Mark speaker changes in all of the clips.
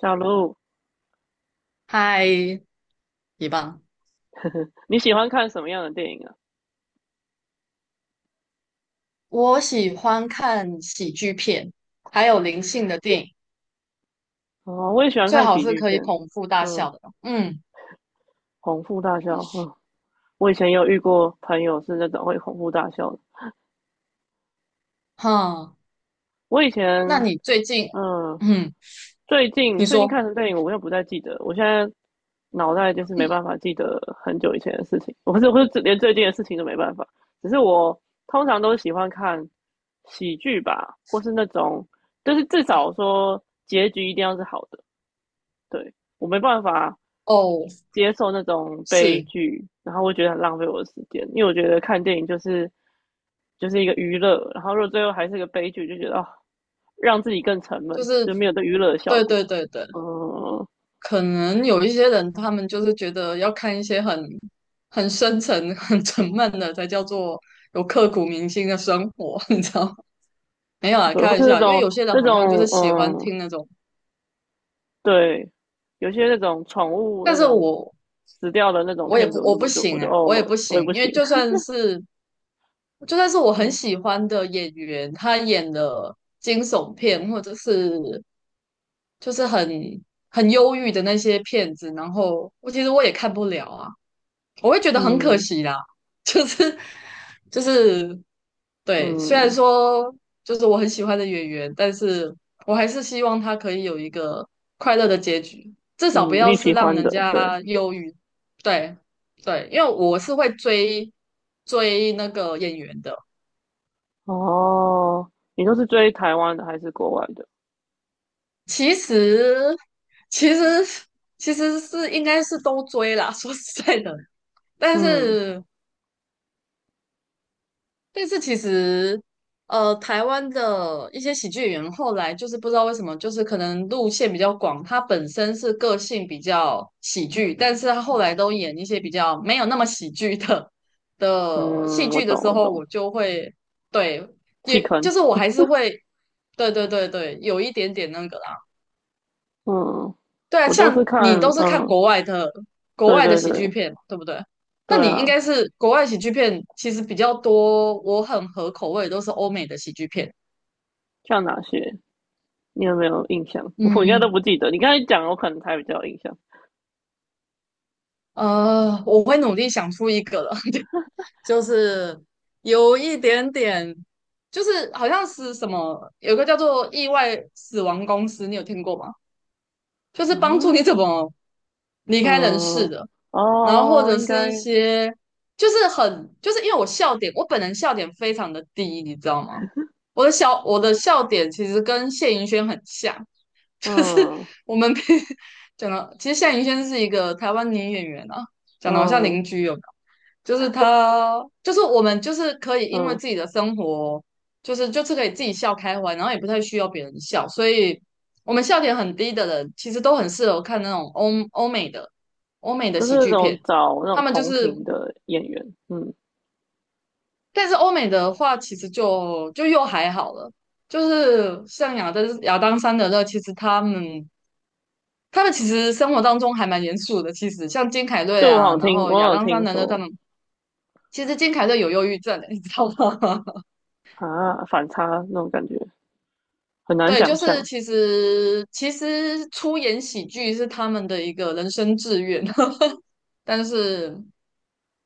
Speaker 1: 小卢，
Speaker 2: 嗨，一棒！
Speaker 1: 你喜欢看什么样的电影啊？
Speaker 2: 我喜欢看喜剧片，还有灵性的电影，
Speaker 1: 哦，我也喜欢
Speaker 2: 最
Speaker 1: 看
Speaker 2: 好
Speaker 1: 喜
Speaker 2: 是
Speaker 1: 剧
Speaker 2: 可以
Speaker 1: 片。
Speaker 2: 捧腹大
Speaker 1: 嗯，
Speaker 2: 笑的。嗯，
Speaker 1: 哄腹大笑。嗯，我以前有遇过朋友是那种会哄腹大笑的。
Speaker 2: 哈，
Speaker 1: 我以前，
Speaker 2: 那你最近，
Speaker 1: 嗯，
Speaker 2: 嗯，
Speaker 1: 最近
Speaker 2: 你
Speaker 1: 最近
Speaker 2: 说，
Speaker 1: 看什么电影，我又不太记得。我现在脑袋就是没办法记得很久以前的事情。我不是，我是连最近的事情都没办法。只是我通常都喜欢看喜剧吧，或是那种，就是至少说结局一定要是好的。对，我没办法
Speaker 2: 哦，
Speaker 1: 接受那种悲
Speaker 2: 是，
Speaker 1: 剧，然后我觉得很浪费我的时间，因为我觉得看电影就是一个娱乐，然后如果最后还是个悲剧，就觉得哦，让自己更沉
Speaker 2: 就
Speaker 1: 闷，
Speaker 2: 是，
Speaker 1: 就没有对娱乐的效
Speaker 2: 对
Speaker 1: 果。
Speaker 2: 对对对，
Speaker 1: 嗯，
Speaker 2: 可能有一些人他们就是觉得要看一些很深沉、很沉闷的，才叫做有刻骨铭心的生活，你知道吗？没有啊，
Speaker 1: 对，
Speaker 2: 开
Speaker 1: 或
Speaker 2: 玩
Speaker 1: 是那
Speaker 2: 笑，因为
Speaker 1: 种
Speaker 2: 有些人
Speaker 1: 那
Speaker 2: 好像就是
Speaker 1: 种
Speaker 2: 喜欢
Speaker 1: 嗯，
Speaker 2: 听那种，
Speaker 1: 对，有些那种宠物
Speaker 2: 但
Speaker 1: 那
Speaker 2: 是
Speaker 1: 种
Speaker 2: 我
Speaker 1: 死掉的那种
Speaker 2: 我也
Speaker 1: 片子，我
Speaker 2: 不行
Speaker 1: 就
Speaker 2: 哎、我也
Speaker 1: 哦，
Speaker 2: 不
Speaker 1: 我也
Speaker 2: 行，
Speaker 1: 不
Speaker 2: 因
Speaker 1: 行。
Speaker 2: 为就算是我 很
Speaker 1: 嗯
Speaker 2: 喜欢的演员，他演的惊悚片或者是就是很忧郁的那些片子，然后我其实也看不了啊。我会觉得很可
Speaker 1: 嗯
Speaker 2: 惜啦，就是就是对，虽然
Speaker 1: 嗯
Speaker 2: 说就是我很喜欢的演员，但是我还是希望他可以有一个快乐的结局，至少不
Speaker 1: 嗯，
Speaker 2: 要
Speaker 1: 你
Speaker 2: 是
Speaker 1: 喜
Speaker 2: 让
Speaker 1: 欢
Speaker 2: 人
Speaker 1: 的，对。
Speaker 2: 家忧郁。对对，因为我是会追那个演员的，
Speaker 1: 哦，你都是追台湾的还是国外的？
Speaker 2: 其实其实其实是应该是都追啦，说实在的，但
Speaker 1: 嗯
Speaker 2: 是但是其实，台湾的一些喜剧演员后来就是不知道为什么，就是可能路线比较广，他本身是个性比较喜剧，但是他后来都演一些比较没有那么喜剧的戏
Speaker 1: 嗯，我
Speaker 2: 剧的
Speaker 1: 懂
Speaker 2: 时
Speaker 1: 我
Speaker 2: 候，
Speaker 1: 懂，
Speaker 2: 我就会对，
Speaker 1: 弃
Speaker 2: 也
Speaker 1: 坑。
Speaker 2: 就是我还是会，对对对对，有一点点那个。
Speaker 1: 嗯，
Speaker 2: 对啊，
Speaker 1: 我都是
Speaker 2: 像
Speaker 1: 看，
Speaker 2: 你都是看
Speaker 1: 嗯，
Speaker 2: 国外的
Speaker 1: 对对
Speaker 2: 喜剧
Speaker 1: 对
Speaker 2: 片嘛对不对？那
Speaker 1: 对
Speaker 2: 你应
Speaker 1: 啊，
Speaker 2: 该是国外喜剧片其实比较多，我很合口味，都是欧美的喜剧片。
Speaker 1: 像哪些？你有没有印象？我应该都
Speaker 2: 嗯，
Speaker 1: 不记得。你刚才讲，我可能才比较有印象。
Speaker 2: 我会努力想出一个了，就是有一点点，就是好像是什么，有个叫做《意外死亡公司》，你有听过吗？就是
Speaker 1: 啊，
Speaker 2: 帮助你怎么离开人世
Speaker 1: 嗯，
Speaker 2: 的，然后或
Speaker 1: 哦，
Speaker 2: 者
Speaker 1: 应
Speaker 2: 是一
Speaker 1: 该，
Speaker 2: 些就是很就是因为我笑点，我本人笑点非常的低，你知道吗？我的笑点其实跟谢盈萱很像，就是
Speaker 1: 嗯
Speaker 2: 我们平 讲到，其实夏银轩是一个台湾女演员啊，讲的好像
Speaker 1: 嗯
Speaker 2: 邻居有没有？就是她，就是我们，就是可以因为
Speaker 1: 嗯，
Speaker 2: 自己的生活，就是可以自己笑开怀，然后也不太需要别人笑，所以我们笑点很低的人，其实都很适合看那种欧欧美的
Speaker 1: 都是
Speaker 2: 喜
Speaker 1: 那
Speaker 2: 剧
Speaker 1: 种
Speaker 2: 片，
Speaker 1: 找那种
Speaker 2: 他们就
Speaker 1: 同
Speaker 2: 是，
Speaker 1: 频的演员。嗯，
Speaker 2: 但是欧美的话，其实就又还好了。就是像亚当·山德勒，其实他们其实生活当中还蛮严肃的，其实像金凯瑞
Speaker 1: 对，我好
Speaker 2: 啊，
Speaker 1: 像
Speaker 2: 然
Speaker 1: 听，
Speaker 2: 后亚
Speaker 1: 我有
Speaker 2: 当·桑
Speaker 1: 听
Speaker 2: 德的他
Speaker 1: 说
Speaker 2: 们，其实金凯瑞有忧郁症的，你知道吗？
Speaker 1: 啊，反差那种感觉很难
Speaker 2: 对，就
Speaker 1: 想
Speaker 2: 是
Speaker 1: 象。
Speaker 2: 其实出演喜剧是他们的一个人生志愿，但是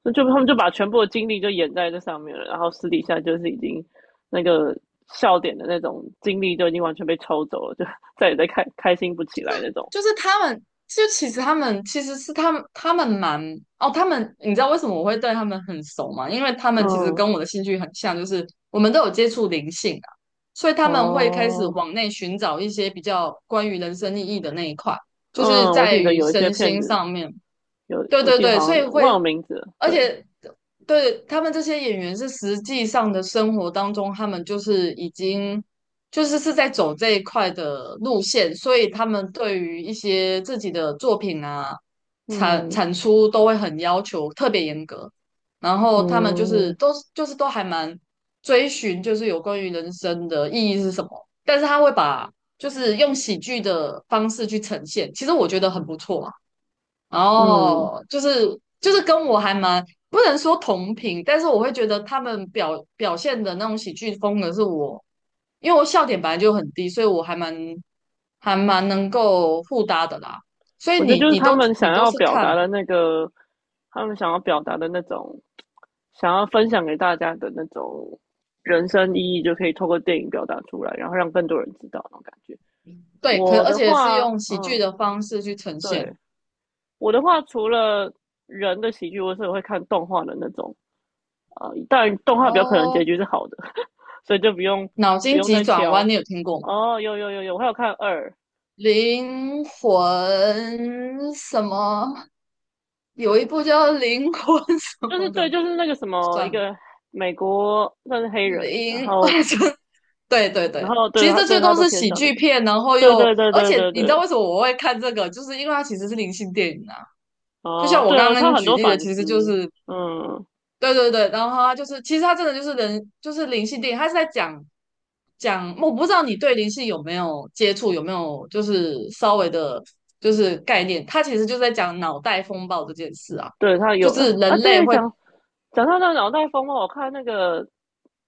Speaker 1: 那就他们就把全部的精力就演在这上面了，然后私底下就是已经那个笑点的那种精力就已经完全被抽走了，就 再也在开心不起来那种。
Speaker 2: 就是他们，就其实他们其实是他们，他们蛮哦，他们你知道为什么我会对他们很熟吗？因为他们其实
Speaker 1: 嗯，
Speaker 2: 跟我的兴趣很像，就是我们都有接触灵性啊，所以他们会开始
Speaker 1: 哦，
Speaker 2: 往内寻找一些比较关于人生意义的那一块，就是
Speaker 1: 嗯，我
Speaker 2: 在
Speaker 1: 记得
Speaker 2: 于
Speaker 1: 有一些
Speaker 2: 身
Speaker 1: 片
Speaker 2: 心
Speaker 1: 子
Speaker 2: 上面。
Speaker 1: 有，
Speaker 2: 对
Speaker 1: 我
Speaker 2: 对
Speaker 1: 记得
Speaker 2: 对，
Speaker 1: 好
Speaker 2: 所
Speaker 1: 像
Speaker 2: 以
Speaker 1: 有忘
Speaker 2: 会
Speaker 1: 了名字了
Speaker 2: 而
Speaker 1: 对，
Speaker 2: 且对他们这些演员是实际上的生活当中，他们就是已经就是是在走这一块的路线，所以他们对于一些自己的作品啊
Speaker 1: 嗯
Speaker 2: 产出都会很要求，特别严格。然后他们
Speaker 1: 嗯
Speaker 2: 就是都还蛮追寻，就是有关于人生的意义是什么，但是他会把就是用喜剧的方式去呈现，其实我觉得很不错啊。
Speaker 1: 嗯，
Speaker 2: 哦，就是跟我还蛮不能说同频，但是我会觉得他们表现的那种喜剧风格是我，因为我笑点本来就很低，所以我还还蛮能够互搭的啦。所以
Speaker 1: 我觉得就是他们
Speaker 2: 你
Speaker 1: 想
Speaker 2: 都
Speaker 1: 要
Speaker 2: 是
Speaker 1: 表达
Speaker 2: 看，
Speaker 1: 的那个，他们想要表达的那种想要分享给大家的那种人生意义，就可以透过电影表达出来，然后让更多人知道那种感觉。
Speaker 2: 对，可
Speaker 1: 我
Speaker 2: 而
Speaker 1: 的
Speaker 2: 且是
Speaker 1: 话，
Speaker 2: 用喜剧
Speaker 1: 嗯，
Speaker 2: 的方式去呈
Speaker 1: 对，
Speaker 2: 现。
Speaker 1: 我的话，除了人的喜剧，我是会看动画的那种，啊。但动画比较可能
Speaker 2: 哦，
Speaker 1: 结局是好的。所以就
Speaker 2: 脑
Speaker 1: 不
Speaker 2: 筋
Speaker 1: 用
Speaker 2: 急
Speaker 1: 再
Speaker 2: 转
Speaker 1: 挑。
Speaker 2: 弯你有听过吗？
Speaker 1: 哦，有有有有，我还有看二，
Speaker 2: 灵魂什么？有一部叫《灵魂》什
Speaker 1: 就是
Speaker 2: 么
Speaker 1: 对，
Speaker 2: 的，
Speaker 1: 就是那个什么
Speaker 2: 算
Speaker 1: 一
Speaker 2: 了。
Speaker 1: 个美国算是黑人，然
Speaker 2: 零，我
Speaker 1: 后
Speaker 2: 就对对对，其
Speaker 1: 对
Speaker 2: 实
Speaker 1: 他
Speaker 2: 这最多
Speaker 1: 都
Speaker 2: 是
Speaker 1: 天
Speaker 2: 喜
Speaker 1: 上那
Speaker 2: 剧
Speaker 1: 个，
Speaker 2: 片，然后
Speaker 1: 对
Speaker 2: 又，
Speaker 1: 对对
Speaker 2: 而
Speaker 1: 对
Speaker 2: 且
Speaker 1: 对
Speaker 2: 你知
Speaker 1: 对，
Speaker 2: 道为什么我会看这个，就是因为它其实是灵性电影啊。就像
Speaker 1: 哦，
Speaker 2: 我
Speaker 1: 对
Speaker 2: 刚
Speaker 1: 哦，他
Speaker 2: 刚
Speaker 1: 很
Speaker 2: 举
Speaker 1: 多
Speaker 2: 例的，
Speaker 1: 反
Speaker 2: 其实就
Speaker 1: 思。
Speaker 2: 是
Speaker 1: 嗯，
Speaker 2: 对对对，然后它就是，其实它真的就是人，就是灵性电影，它是在讲，我不知道你对灵性有没有接触，有没有就是稍微的，就是概念，它其实就是在讲脑袋风暴这件事啊，
Speaker 1: 对他
Speaker 2: 就
Speaker 1: 有
Speaker 2: 是
Speaker 1: 啊，
Speaker 2: 人类
Speaker 1: 对，
Speaker 2: 会，
Speaker 1: 讲到那个脑袋风暴，我看那个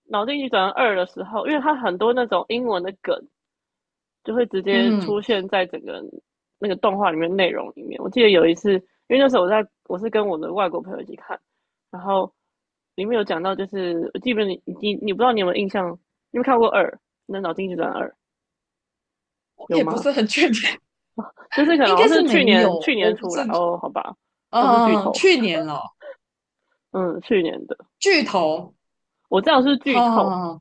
Speaker 1: 《脑筋急转弯二》的时候，因为他很多那种英文的梗，就会直接
Speaker 2: 嗯，
Speaker 1: 出现在整个那个动画里面内容里面。我记得有一次，因为那时候我在我是跟我的外国朋友一起看，然后里面有讲到，就是我记不你你你不知道你有没有印象，你有没有看过二？那《脑筋急转弯二》
Speaker 2: 我
Speaker 1: 有
Speaker 2: 也不
Speaker 1: 吗？
Speaker 2: 是很确定，
Speaker 1: 就是 可
Speaker 2: 应
Speaker 1: 能好
Speaker 2: 该
Speaker 1: 像是
Speaker 2: 是
Speaker 1: 去
Speaker 2: 没有，
Speaker 1: 年
Speaker 2: 我不
Speaker 1: 出
Speaker 2: 是
Speaker 1: 来哦，好吧，那是剧
Speaker 2: 嗯，
Speaker 1: 透。
Speaker 2: 去年了，
Speaker 1: 嗯，去年的，
Speaker 2: 剧透，
Speaker 1: 我这样是剧透。
Speaker 2: 哈，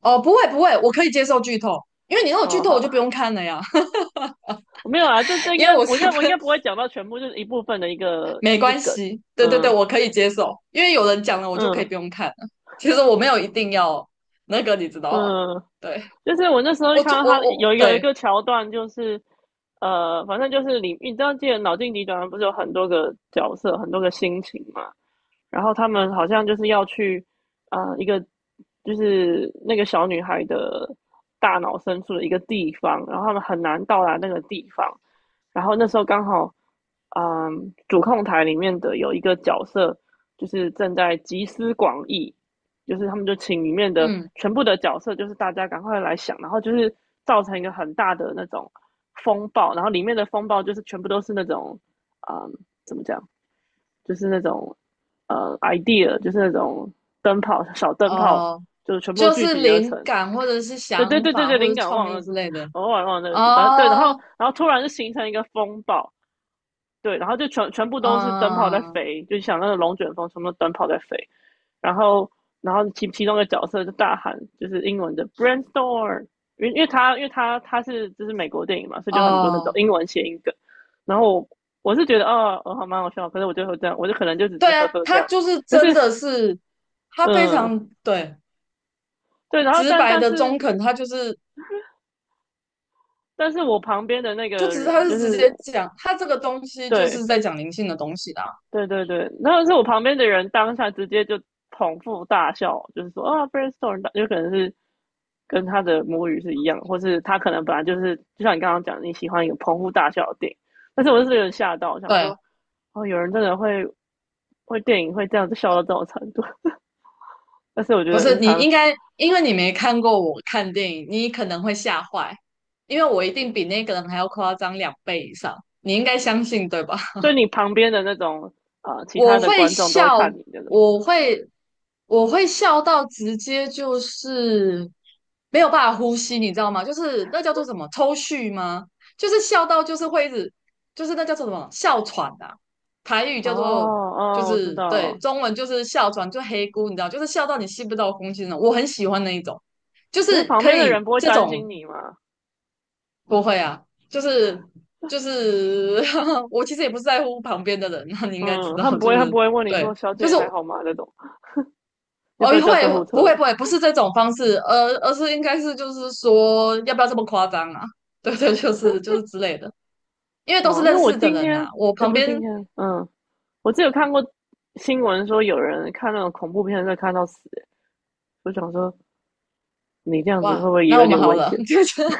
Speaker 2: 哦，不会，我可以接受剧透，因为你让我剧
Speaker 1: 哦，
Speaker 2: 透，我就不用
Speaker 1: 好，
Speaker 2: 看了呀，
Speaker 1: 我没有啊，这 应
Speaker 2: 因
Speaker 1: 该
Speaker 2: 为我是
Speaker 1: 我应
Speaker 2: 分，
Speaker 1: 该不会讲到全部，就是一部分的一个
Speaker 2: 没
Speaker 1: 一个
Speaker 2: 关
Speaker 1: 梗。
Speaker 2: 系，对对对，
Speaker 1: 嗯
Speaker 2: 我可以接受，因为有人讲了，我就可以
Speaker 1: 嗯
Speaker 2: 不用看了。其实我没有一定要那个，你知道吗？
Speaker 1: 嗯，
Speaker 2: 对，
Speaker 1: 就是我那时候就
Speaker 2: 我
Speaker 1: 看
Speaker 2: 做
Speaker 1: 到
Speaker 2: 我
Speaker 1: 他
Speaker 2: 我
Speaker 1: 有一
Speaker 2: 对，
Speaker 1: 个桥段，就是反正就是知道记得脑筋急转弯不是有很多个角色，很多个心情嘛？然后他们好像就是要去一个就是那个小女孩的大脑深处的一个地方，然后他们很难到达那个地方。然后那时候刚好，嗯，主控台里面的有一个角色，就是正在集思广益，就是他们就请里面的
Speaker 2: 嗯，
Speaker 1: 全部的角色，就是大家赶快来想，然后就是造成一个很大的那种风暴，然后里面的风暴就是全部都是那种，嗯，怎么讲，就是那种idea，就是那种灯泡小灯泡，
Speaker 2: 哦，
Speaker 1: 就是全部
Speaker 2: 就
Speaker 1: 聚
Speaker 2: 是
Speaker 1: 集而
Speaker 2: 灵
Speaker 1: 成。
Speaker 2: 感或者是
Speaker 1: 对对
Speaker 2: 想
Speaker 1: 对对
Speaker 2: 法
Speaker 1: 对，
Speaker 2: 或
Speaker 1: 灵
Speaker 2: 者
Speaker 1: 感
Speaker 2: 创
Speaker 1: 忘
Speaker 2: 意
Speaker 1: 了，
Speaker 2: 之类的，
Speaker 1: 我忘了那个字，然后对，然后
Speaker 2: 哦，
Speaker 1: 然后突然就形成一个风暴，对，然后就全部都是灯泡在
Speaker 2: 嗯，
Speaker 1: 飞，就想那个龙卷风，全部灯泡在飞。然后其中一个角色就大喊，就是英文的 brainstorm，因为他是就是美国电影嘛，所以就很多那种
Speaker 2: 哦。
Speaker 1: 英文谐音梗。然后我是觉得哦，哦好蛮好笑，可是我就会这样，我就可能就只是
Speaker 2: 对
Speaker 1: 呵
Speaker 2: 啊，
Speaker 1: 呵这
Speaker 2: 他
Speaker 1: 样。
Speaker 2: 就是
Speaker 1: 但是
Speaker 2: 真的是，他非
Speaker 1: 嗯，
Speaker 2: 常对
Speaker 1: 对，然后
Speaker 2: 直白的中肯，他
Speaker 1: 但是我旁边的那
Speaker 2: 就
Speaker 1: 个
Speaker 2: 只是他
Speaker 1: 人就
Speaker 2: 是直
Speaker 1: 是
Speaker 2: 接讲，他这个东西就
Speaker 1: 对
Speaker 2: 是在讲灵性的东西啦。
Speaker 1: 对对对，然后是我旁边的人当下直接就捧腹大笑，就是说啊，brainstorm，有可能是跟他的母语是一样，或是他可能本来就是，就像你刚刚讲，你喜欢一个捧腹大笑的电影，但是我就是有点吓到，想
Speaker 2: 对，
Speaker 1: 说，哦，有人真的会电影会这样子笑到这种程度，但是我觉
Speaker 2: 不
Speaker 1: 得
Speaker 2: 是
Speaker 1: 是
Speaker 2: 你
Speaker 1: 常，
Speaker 2: 应该，因为你没看过我看电影，你可能会吓坏，因为我一定比那个人还要夸张两倍以上，你应该相信对吧？
Speaker 1: 所以你旁边的那种啊，其
Speaker 2: 我
Speaker 1: 他的
Speaker 2: 会
Speaker 1: 观众都会
Speaker 2: 笑，
Speaker 1: 看你那种，
Speaker 2: 我会我会笑到直接就是没有办法呼吸，你知道吗？就是那叫做什么抽蓄吗？就是笑到就是会一直就是那叫做什么哮喘啊，台语
Speaker 1: 哦，
Speaker 2: 叫做就
Speaker 1: 哦，我知
Speaker 2: 是对，
Speaker 1: 道，
Speaker 2: 中文就是哮喘，就黑姑，你知道，就是笑到你吸不到空气那种。我很喜欢那一种，就
Speaker 1: 可是
Speaker 2: 是
Speaker 1: 旁
Speaker 2: 可
Speaker 1: 边的人
Speaker 2: 以
Speaker 1: 不会
Speaker 2: 这
Speaker 1: 担
Speaker 2: 种。
Speaker 1: 心你吗？
Speaker 2: 不会啊，就是就是，我其实也不是在乎旁边的人啊，那你应该知
Speaker 1: 嗯，
Speaker 2: 道，
Speaker 1: 他们不
Speaker 2: 就
Speaker 1: 会，他
Speaker 2: 是
Speaker 1: 不会问你
Speaker 2: 对，
Speaker 1: 说"小姐
Speaker 2: 就
Speaker 1: 你
Speaker 2: 是
Speaker 1: 还
Speaker 2: 我
Speaker 1: 好吗"那种，要
Speaker 2: 哦，
Speaker 1: 不要叫救护车？
Speaker 2: 会不会，不是这种方式，而是应该是就是说，要不要这么夸张啊？对对，就是之类的，因为都
Speaker 1: 哦，
Speaker 2: 是
Speaker 1: 因为
Speaker 2: 认
Speaker 1: 我
Speaker 2: 识的
Speaker 1: 今
Speaker 2: 人
Speaker 1: 天，
Speaker 2: 呐、我
Speaker 1: 哎，
Speaker 2: 旁
Speaker 1: 不是今
Speaker 2: 边
Speaker 1: 天，嗯，我只有看过新闻说有人看那种恐怖片在看到死，我想说你这样子会
Speaker 2: 哇，
Speaker 1: 不会也
Speaker 2: 那
Speaker 1: 有
Speaker 2: 我们
Speaker 1: 点
Speaker 2: 好
Speaker 1: 危
Speaker 2: 了，
Speaker 1: 险？
Speaker 2: 就觉得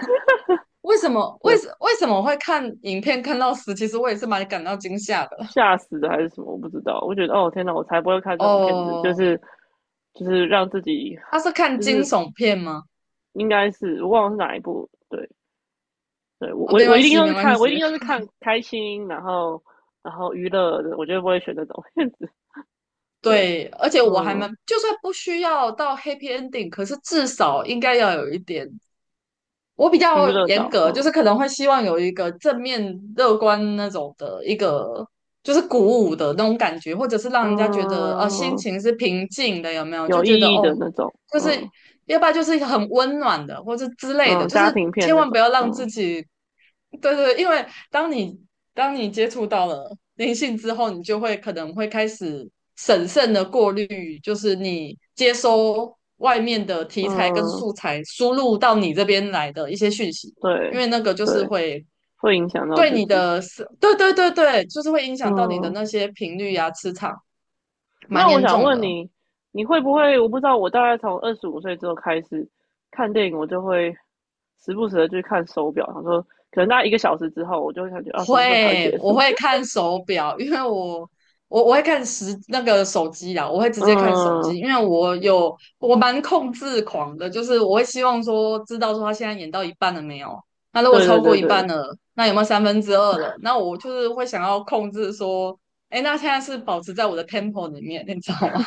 Speaker 1: 对，
Speaker 2: 为什么会看影片看到死？其实我也是蛮感到惊吓的。
Speaker 1: 吓死的还是什么？我不知道。我觉得哦，天哪，我才不会看这种片子，
Speaker 2: 哦，
Speaker 1: 就是让自己，
Speaker 2: 他是看
Speaker 1: 就
Speaker 2: 惊
Speaker 1: 是
Speaker 2: 悚片吗？
Speaker 1: 应该是我忘了是哪一部，对，
Speaker 2: 哦，
Speaker 1: 我一定都
Speaker 2: 没
Speaker 1: 是
Speaker 2: 关
Speaker 1: 看，我
Speaker 2: 系。
Speaker 1: 一定都是看开心，然后娱乐的，我绝对不会选那种片子。对，
Speaker 2: 对，而且我还
Speaker 1: 嗯，
Speaker 2: 蛮，就算不需要到 happy ending,可是至少应该要有一点。我比
Speaker 1: 娱
Speaker 2: 较
Speaker 1: 乐
Speaker 2: 严
Speaker 1: 到，
Speaker 2: 格，就是
Speaker 1: 嗯
Speaker 2: 可能会希望有一个正面乐观那种的一个，就是鼓舞的那种感觉，或者是让人家觉得心
Speaker 1: 嗯，
Speaker 2: 情是平静的，有没有？就
Speaker 1: 有
Speaker 2: 觉得
Speaker 1: 意义
Speaker 2: 哦
Speaker 1: 的那种，
Speaker 2: 就是
Speaker 1: 嗯
Speaker 2: 要不然就是很温暖的，或者之类的，
Speaker 1: 嗯，
Speaker 2: 就是
Speaker 1: 家庭片
Speaker 2: 千
Speaker 1: 那
Speaker 2: 万不
Speaker 1: 种，
Speaker 2: 要让自
Speaker 1: 嗯
Speaker 2: 己，对对，因为当你当你接触到了灵性之后，你就会可能会开始审慎的过滤，就是你接收外面的题材跟
Speaker 1: 嗯，
Speaker 2: 素材输入到你这边来的一些讯息，因
Speaker 1: 对
Speaker 2: 为那个就是
Speaker 1: 对，
Speaker 2: 会
Speaker 1: 会影响到
Speaker 2: 对
Speaker 1: 自
Speaker 2: 你
Speaker 1: 己，
Speaker 2: 的思，对对对对，就是会影响到你的
Speaker 1: 嗯。
Speaker 2: 那些频率啊、磁场，蛮
Speaker 1: 那我
Speaker 2: 严
Speaker 1: 想
Speaker 2: 重
Speaker 1: 问
Speaker 2: 的。
Speaker 1: 你，你会不会？我不知道，我大概从25岁之后开始看电影，我就会时不时的去看手表，想说可能大概1个小时之后，我就会感觉啊，什么时候才会
Speaker 2: 会，
Speaker 1: 结
Speaker 2: 我
Speaker 1: 束？
Speaker 2: 会看手表，因为我我会看时那个手机啊，我会直
Speaker 1: 嗯，
Speaker 2: 接看手机，因为我有我蛮控制狂的，就是我会希望说知道说他现在演到一半了没有，那如果
Speaker 1: 对对
Speaker 2: 超过
Speaker 1: 对
Speaker 2: 一
Speaker 1: 对，
Speaker 2: 半了，那有没有三分之二了？那我就是会想要控制说，哎，那现在是保持在我的 tempo 里面，你知道吗？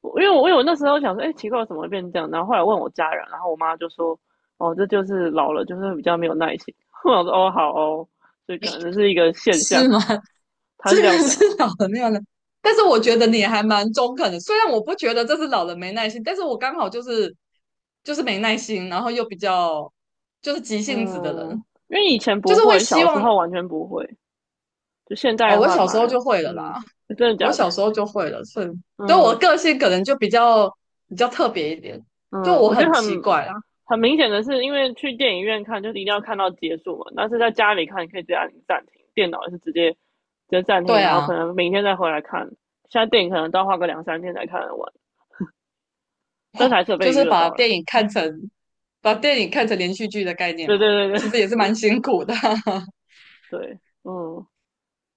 Speaker 1: 我因为我因为我有那时候想说，哎、欸奇怪，怎么会变这样？然后后来问我家人，然后我妈就说，哦，这就是老了，就是比较没有耐心。我想说，哦，好哦，所以可能是一个 现象，
Speaker 2: 是吗？
Speaker 1: 他
Speaker 2: 这
Speaker 1: 是这样
Speaker 2: 个
Speaker 1: 讲
Speaker 2: 是
Speaker 1: 啊。
Speaker 2: 老人没有耐，但是我觉得你还蛮中肯的。虽然我不觉得这是老人没耐心，但是我刚好就是没耐心，然后又比较就是急性子的
Speaker 1: 嗯，
Speaker 2: 人，
Speaker 1: 因为以前
Speaker 2: 就
Speaker 1: 不
Speaker 2: 是会
Speaker 1: 会，
Speaker 2: 希
Speaker 1: 小时
Speaker 2: 望
Speaker 1: 候完全不会，就现在
Speaker 2: 哦，
Speaker 1: 的
Speaker 2: 我
Speaker 1: 话
Speaker 2: 小
Speaker 1: 反
Speaker 2: 时候
Speaker 1: 而，
Speaker 2: 就会了
Speaker 1: 嗯，
Speaker 2: 啦，
Speaker 1: 真的
Speaker 2: 我
Speaker 1: 假的？
Speaker 2: 小时候就会了，所以对我
Speaker 1: 嗯，
Speaker 2: 个性可能就比较特别一点，就
Speaker 1: 嗯，
Speaker 2: 我
Speaker 1: 我觉
Speaker 2: 很
Speaker 1: 得
Speaker 2: 奇怪啊，
Speaker 1: 很明显的是，因为去电影院看就是一定要看到结束嘛，但是在家里看，你可以直接按暂停，电脑也是直接暂停，
Speaker 2: 对
Speaker 1: 然后可
Speaker 2: 啊，
Speaker 1: 能明天再回来看。现在电影可能都要花个两三天才看得完，但是
Speaker 2: 哇，
Speaker 1: 还是有被
Speaker 2: 就
Speaker 1: 娱
Speaker 2: 是
Speaker 1: 乐
Speaker 2: 把
Speaker 1: 到了。
Speaker 2: 电影看成把电影看成连续剧的概念
Speaker 1: 对
Speaker 2: 嘛，
Speaker 1: 对对
Speaker 2: 其
Speaker 1: 对
Speaker 2: 实也是蛮辛苦的。
Speaker 1: 对，嗯。